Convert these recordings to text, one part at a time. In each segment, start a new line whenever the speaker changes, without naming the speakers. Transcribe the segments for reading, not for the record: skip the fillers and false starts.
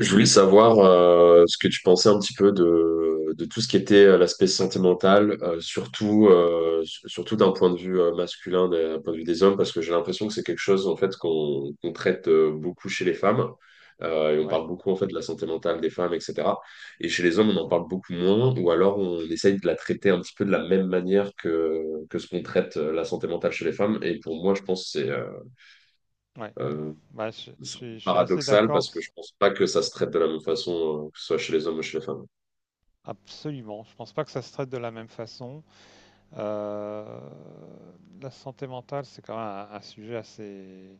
Je voulais savoir ce que tu pensais un petit peu de tout ce qui était l'aspect santé mentale, surtout, surtout d'un point de vue masculin, d'un point de vue des hommes, parce que j'ai l'impression que c'est quelque chose en fait qu'on traite beaucoup chez les femmes. Et on
Ouais.
parle beaucoup en fait de la santé mentale des femmes, etc. Et chez les hommes, on en
Mhm.
parle beaucoup moins, ou alors on essaye de la traiter un petit peu de la même manière que ce qu'on traite la santé mentale chez les femmes. Et pour moi, je pense que
Ouais.
euh,
Bah, je
c'est un peu
suis assez
paradoxal
d'accord,
parce que je pense pas que ça se traite de la même façon, que ce soit chez les hommes ou chez les femmes.
absolument. Je pense pas que ça se traite de la même façon. Euh, la santé mentale, c'est quand même un sujet assez,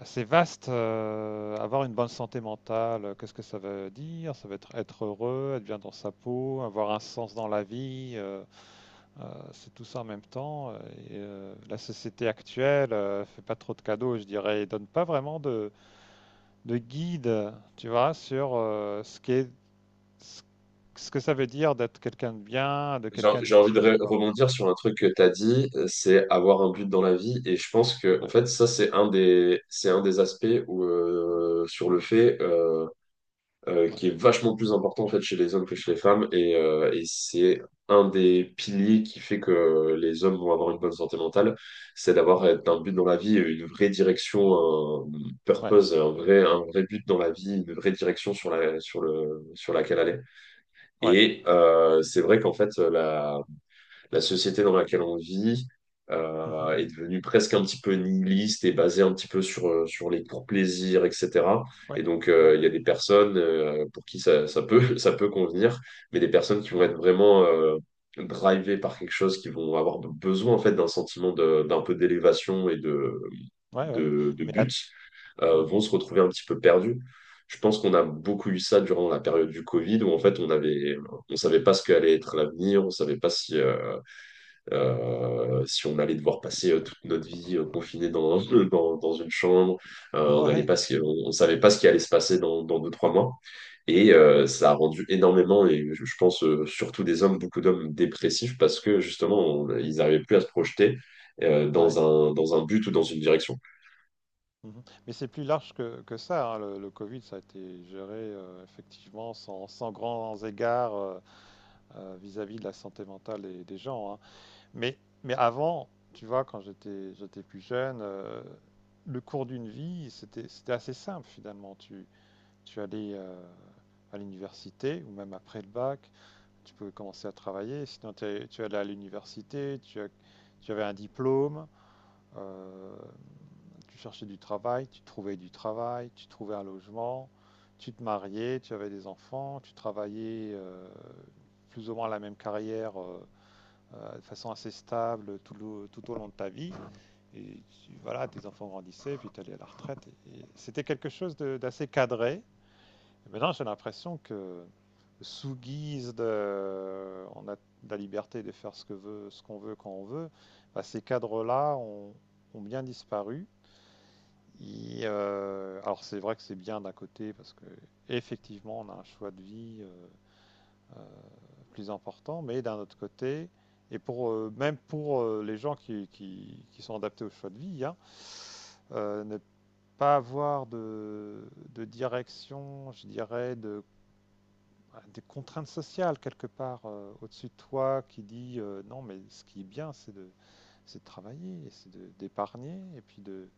assez vaste. Avoir une bonne santé mentale, qu'est-ce que ça veut dire? Ça veut être heureux, être bien dans sa peau, avoir un sens dans la vie. C'est tout ça en même temps. Et, la société actuelle, fait pas trop de cadeaux, je dirais, et donne pas vraiment de guide, tu vois, sur ce qu'est, ce ce que ça veut dire d'être quelqu'un de bien, de
J'ai
quelqu'un
j'ai envie de
d'utile, quoi.
rebondir sur un truc que tu as dit, c'est avoir un but dans la vie. Et je pense que, en
Ouais,
fait, ça, c'est un des aspects où, sur le fait qui
ouais,
est vachement plus important en fait chez les hommes que chez les femmes et c'est un des piliers qui fait que les hommes vont avoir une bonne santé mentale, c'est d'avoir
ouais,
un but dans la vie, une vraie direction, un
ouais,
purpose, un vrai but dans la vie, une vraie direction sur la, sur le, sur laquelle aller.
ouais.
Et c'est vrai qu'en fait la société dans laquelle on vit
Mhm.
est devenue presque un petit peu nihiliste et basée un petit peu sur les pour plaisir, etc.
Ouais,
Et donc,
ouais,
il y
ouais.
a des personnes pour qui ça peut convenir, mais des personnes qui vont
Mhm.
être vraiment drivées par quelque chose, qui vont avoir besoin en fait d'un sentiment d'un peu d'élévation et
Ouais, ouais.
de
Mais là.
but, vont
Mhm.
se retrouver un petit peu perdus. Je pense qu'on a beaucoup eu ça durant la période du Covid, où en fait on avait, on savait pas ce qu'allait être l'avenir, on savait pas si on allait devoir passer toute notre vie confiné dans une chambre, on allait
Ouais,
pas, on savait pas ce qui allait se passer dans deux, trois mois. Et
ouais,
euh, ça a rendu énormément, et je pense surtout des hommes, beaucoup d'hommes dépressifs parce que justement, ils n'arrivaient plus à se projeter euh, dans
ouais.
dans un but ou dans une direction.
Mhm. Mais c'est plus large que ça, hein. Le Covid, ça a été géré effectivement sans grands égards, vis-à-vis de la santé mentale des gens, hein. Mais, mais avant, tu vois, quand j'étais plus jeune, le cours d'une vie, c'était assez simple finalement. Tu allais à l'université ou même après le bac, tu pouvais commencer à travailler. Sinon, tu allais à l'université, tu avais un diplôme, euh, tu cherchais du travail, tu trouvais du travail, tu trouvais un logement, tu te mariais, tu avais des enfants, tu travaillais plus ou moins la même carrière, de façon assez stable tout au long de ta vie. Et voilà, tes enfants grandissaient, puis tu allais à la retraite. Et c'était quelque chose d'assez cadré. Et maintenant, j'ai l'impression que sous guise de, on a de la liberté de faire ce qu'on veut quand on veut, bah, ces cadres-là ont bien disparu. Et, alors c'est vrai que c'est bien d'un côté parce que effectivement on a un choix de vie, euh, plus important, mais d'un autre côté, et pour même pour les gens qui sont adaptés au choix de vie, hein, ne pas avoir de, direction, je dirais, des contraintes sociales quelque part au-dessus de toi qui dit non, mais ce qui est bien, c'est de travailler, d'épargner, et puis de,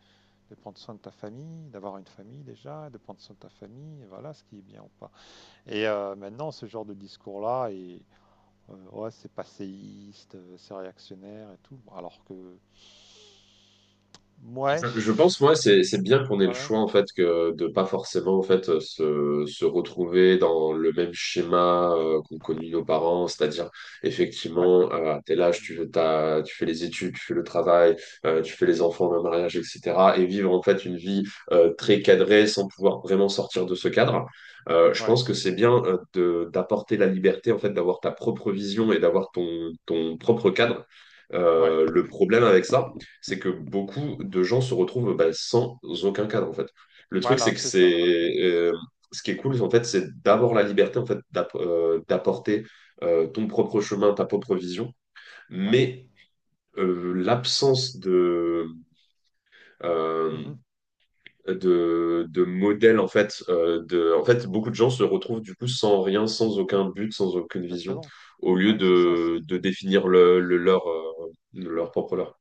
de prendre soin de ta famille, d'avoir une famille déjà, de prendre soin de ta famille, et voilà ce qui est bien ou pas. Et maintenant, ce genre de discours-là est, ouais, c'est passéiste, c'est réactionnaire et tout. Alors que. Ouais.
Je pense, moi, c'est bien qu'on ait
Ouais.
le
Ouais.
choix, en fait, que de pas forcément, en fait, se retrouver dans le même schéma qu'ont connu nos parents, c'est-à-dire,
Ouais.
effectivement, à tel âge, tu fais les études, tu fais le travail, tu fais les enfants, le mariage, etc., et vivre, en fait, une vie très cadrée sans pouvoir vraiment sortir de ce cadre. Je
Ouais.
pense que c'est bien d'apporter la liberté, en fait, d'avoir ta propre vision et d'avoir ton propre cadre.
Ouais.
Le problème avec ça, c'est que beaucoup de gens se retrouvent bah, sans aucun cadre, en fait. Le truc,
Voilà,
c'est que
c'est ça.
ce qui est cool, en fait, c'est d'avoir la liberté, en fait, d'apporter ton propre chemin, ta propre vision,
Ouais.
mais l'absence euh,
Mhm.
de modèle en fait de en fait beaucoup de gens se retrouvent du coup sans rien, sans aucun but, sans aucune vision,
Exactement.
au lieu
Ouais, c'est ça.
de définir le leur, leur propre leur.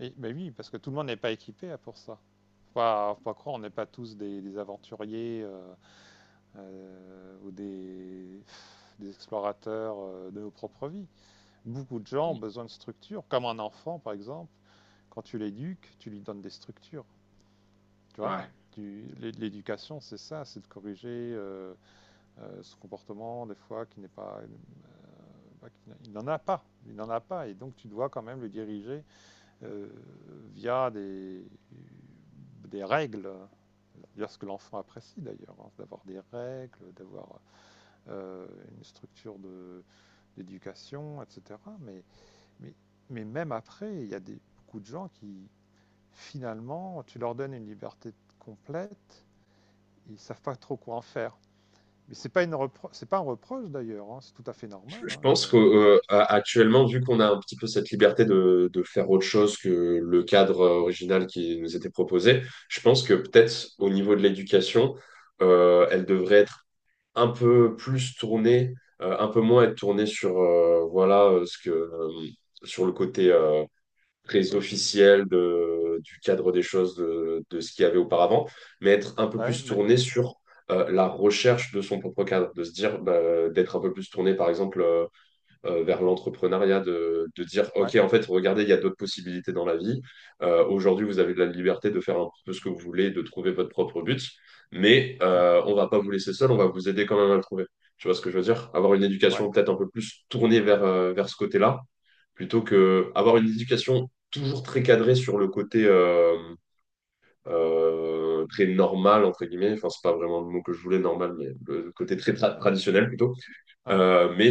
Et, mais oui, parce que tout le monde n'est pas équipé, hein, pour ça. Faut pas croire, on n'est pas tous des, aventuriers, ou des, explorateurs de nos propres vies. Beaucoup de gens ont besoin de structures, comme un enfant par exemple. Quand tu l'éduques, tu lui donnes des structures. Tu vois.
Ouais.
L'éducation, c'est ça, c'est de corriger ce comportement, des fois, qui n'est pas. Pas- qui n'a- Il n'en a pas. Il n'en a pas. Et donc, tu dois quand même le diriger euh, via des, règles. D'ailleurs, ce que l'enfant apprécie, d'ailleurs, hein, d'avoir des règles, d'avoir euh, une structure d'éducation, etc. Mais, mais même après, il y a beaucoup de gens qui, finalement, tu leur donnes une liberté complète, ils savent pas trop quoi en faire. Mais c'est pas c'est pas un reproche d'ailleurs, hein, c'est tout à fait normal,
Je
hein, et,
pense qu'actuellement, vu qu'on a un
voilà.
petit peu cette liberté de faire autre chose que le cadre
Mhm.
original qui nous était proposé, je pense que peut-être au niveau de l'éducation, elle devrait être un peu plus tournée, un peu moins être tournée sur voilà, ce que sur le côté très
Mhm.
officiel du cadre des choses de ce qu'il y avait auparavant, mais être un peu
Bah oui,
plus
mais.
tournée sur la recherche de son propre cadre, de se dire bah, d'être un peu plus tourné par exemple, vers
Mhm.
l'entrepreneuriat, de dire, OK,
Ouais.
en fait, regardez, il y a d'autres possibilités dans la vie. Aujourd'hui, vous avez de la liberté de faire un peu ce que vous voulez, de trouver votre propre but, mais
Mhm.
on va pas vous laisser seul, on va vous aider quand même à le trouver. Tu vois ce que je veux dire? Avoir une
Ouais.
éducation peut-être un peu plus tournée vers ce côté-là, plutôt
Mhm.
que avoir une éducation toujours très cadrée sur le côté très normal, entre guillemets. Enfin, c'est pas vraiment le mot que je voulais, normal, mais le côté très
Ouais.
traditionnel plutôt.
Ouais.
Euh, mais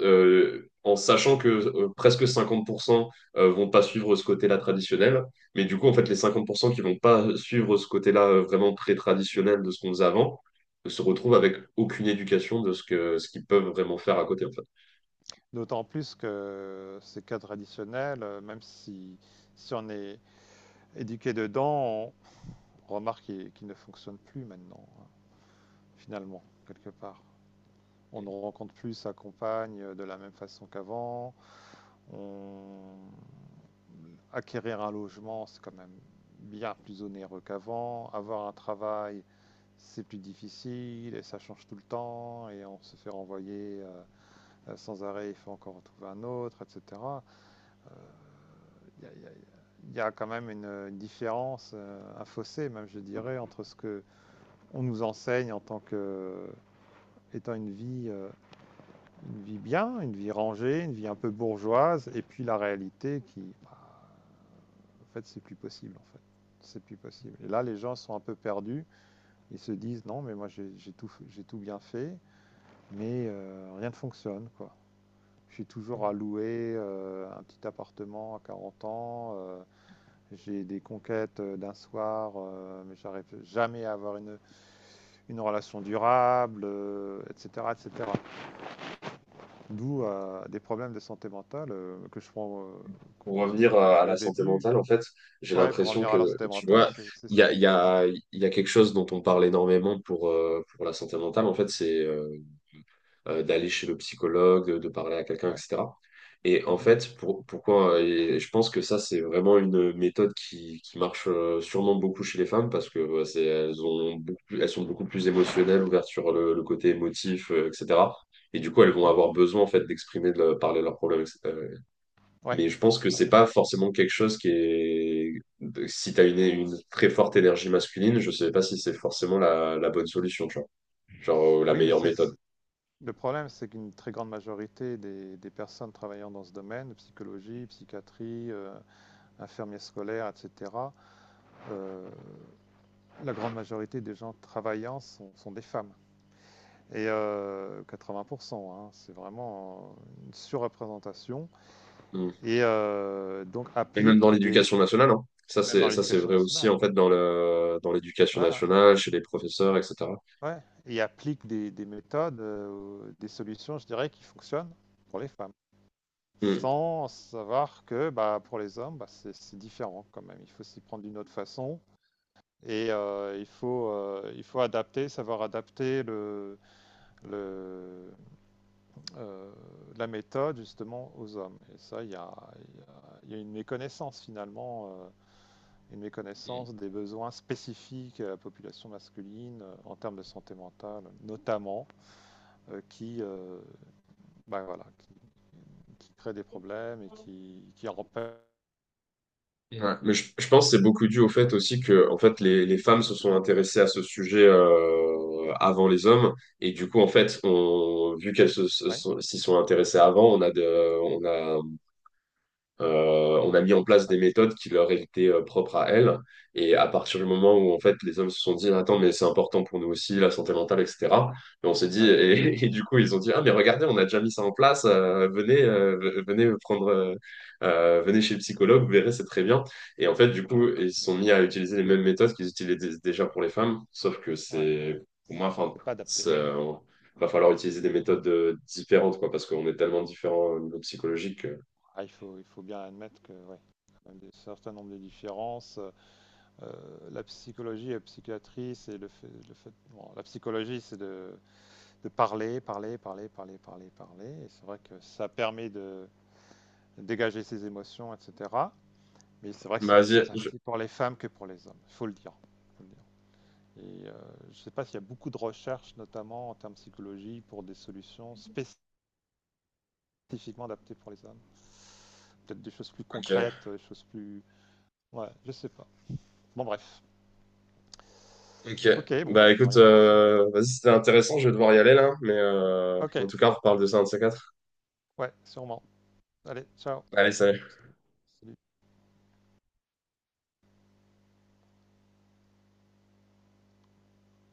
euh, en sachant que presque 50 % vont pas suivre ce côté-là traditionnel. Mais du coup, en fait, les
Mhm.
50 % qui vont pas suivre ce côté-là vraiment très traditionnel de ce qu'on faisait avant, se retrouvent avec aucune éducation de ce qu'ils peuvent vraiment faire à côté, en fait.
D'autant plus que ces cadres traditionnels, même si on est éduqué dedans, on remarque qu'ils ne fonctionnent plus maintenant, hein, finalement, quelque part. On ne rencontre plus sa compagne de la même façon qu'avant. On acquérir un logement, c'est quand même bien plus onéreux qu'avant. Avoir un travail, c'est plus difficile et ça change tout le temps et on se fait renvoyer sans arrêt, il faut encore en trouver un autre, etc. Il y a, il y a- il y a quand même une différence, un fossé même, je dirais, entre ce que on nous enseigne en tant que étant une vie bien, une vie rangée, une vie un peu bourgeoise, et puis la réalité qui, bah, en fait, c'est plus possible, en fait. C'est plus possible. Et là, les gens sont un peu perdus. Ils se disent, non, mais moi, j'ai tout bien fait, mais rien ne fonctionne, quoi. Je suis toujours à louer un petit appartement à 40 ans. J'ai des conquêtes d'un soir, mais j'arrive jamais à avoir une relation durable, etc., etc. D'où des problèmes de santé mentale que je prends,
Pour revenir
dont on
à
parlait
la
au
santé
début.
mentale, en fait, j'ai
Ouais, pour
l'impression
revenir
que,
à la santé
tu
mentale,
vois,
c'est
il y
ça.
a, il y
Mm.
a, il y a quelque chose dont on parle énormément pour la santé mentale, en fait, c'est d'aller chez le psychologue, de parler à quelqu'un,
Ouais.
etc. Et en
Mhm.
fait, et je pense que ça, c'est vraiment une méthode qui marche sûrement beaucoup chez les femmes parce que c'est, elles ont beaucoup plus- elles sont beaucoup plus émotionnelles, ouvertes sur le côté émotif, etc. Et du coup, elles vont
Mmh.
avoir besoin en fait d'exprimer, parler de leurs problèmes, etc.
Ouais,
Mais je pense que
ouais,
c'est
ouais.
pas forcément quelque chose qui est. Si t'as une très forte énergie masculine, je sais pas si c'est forcément la bonne solution, tu vois. Genre, la
Oui, mais
meilleure
c'est
méthode.
c'est le problème, c'est qu'une très grande majorité des personnes travaillant dans ce domaine, psychologie, psychiatrie, infirmiers scolaires et cetera, heu, la grande majorité des gens travaillant sont des femmes et 80, hein. C'est vraiment une surreprésentation et donc
Et même
applique
dans
des,
l'éducation nationale, hein.
même dans
Ça, c'est
l'éducation
vrai aussi,
nationale.
en fait, dans l'éducation
Voilà,
nationale, chez les professeurs, etc.
ouais, et applique des méthodes, des solutions, je dirais, qui fonctionnent pour les femmes,
Mm.
sans savoir que bah, pour les hommes, bah, c'est différent quand même. Il faut s'y prendre d'une autre façon et il faut adapter, savoir adapter le, euh, la méthode justement aux hommes. Et ça, il y a une méconnaissance finalement, une méconnaissance des besoins spécifiques à la population masculine en termes de santé mentale, notamment, qui, bah, voilà, qui crée des problèmes et qui empêche
Ouais. Mais je pense que c'est beaucoup dû au
une
fait aussi
résolution.
que, en fait, les femmes se
De
sont
bien des.
intéressées à ce sujet, avant les hommes. Et du coup, en fait, vu qu'elles
Ouais,
s'y sont intéressées avant, on a... On a mis en place
ouais,
des méthodes qui leur étaient propres à elles. Et à partir du moment où en fait les hommes se sont dit, attends, mais c'est important pour nous aussi, la santé mentale, etc. Et on s'est dit,
ouais.
et du coup ils ont dit, ah mais regardez, on a déjà mis ça en place.
Mhm.
Venez chez le psychologue, vous verrez, c'est très bien. Et en fait du
Ouais,
coup ils se
mais-
sont mis à utiliser les mêmes méthodes qu'ils utilisaient déjà
ouais,
pour les femmes, sauf que
ouais, ouais.
c'est pour moi, enfin,
C'est pas adapté.
c'est, euh,
Ouais,
va falloir utiliser des
c'est pas-
méthodes différentes quoi, parce qu'on est tellement différents au niveau psychologique.
ah, il faut bien admettre que, ouais, quand même un certain nombre de différences. La psychologie et la psychiatrie, c'est le fait, bon, la psychologie, c'est de parler, parler, parler, parler, parler, parler. Et c'est vrai que ça permet de dégager ses émotions, etc. Mais c'est vrai que c'est plus
Vas-y.
adapté pour les femmes que pour les hommes. Il faut le dire. Et je ne sais pas s'il y a beaucoup de recherches, notamment en termes de psychologie, pour des solutions spécifiquement adaptées pour les hommes. Peut-être des choses plus
Ok,
concrètes, des choses plus. Ouais, je sais pas. Bon, bref.
ok.
Ok, bon, bah,
Bah
il faudra
écoute,
y réfléchir.
vas-y, c'était intéressant, je vais devoir y aller là, mais
Ok,
en tout cas, on reparle de ça un de ces quatre.
ouais, sûrement. Allez, ciao.
Allez, salut.
Salut.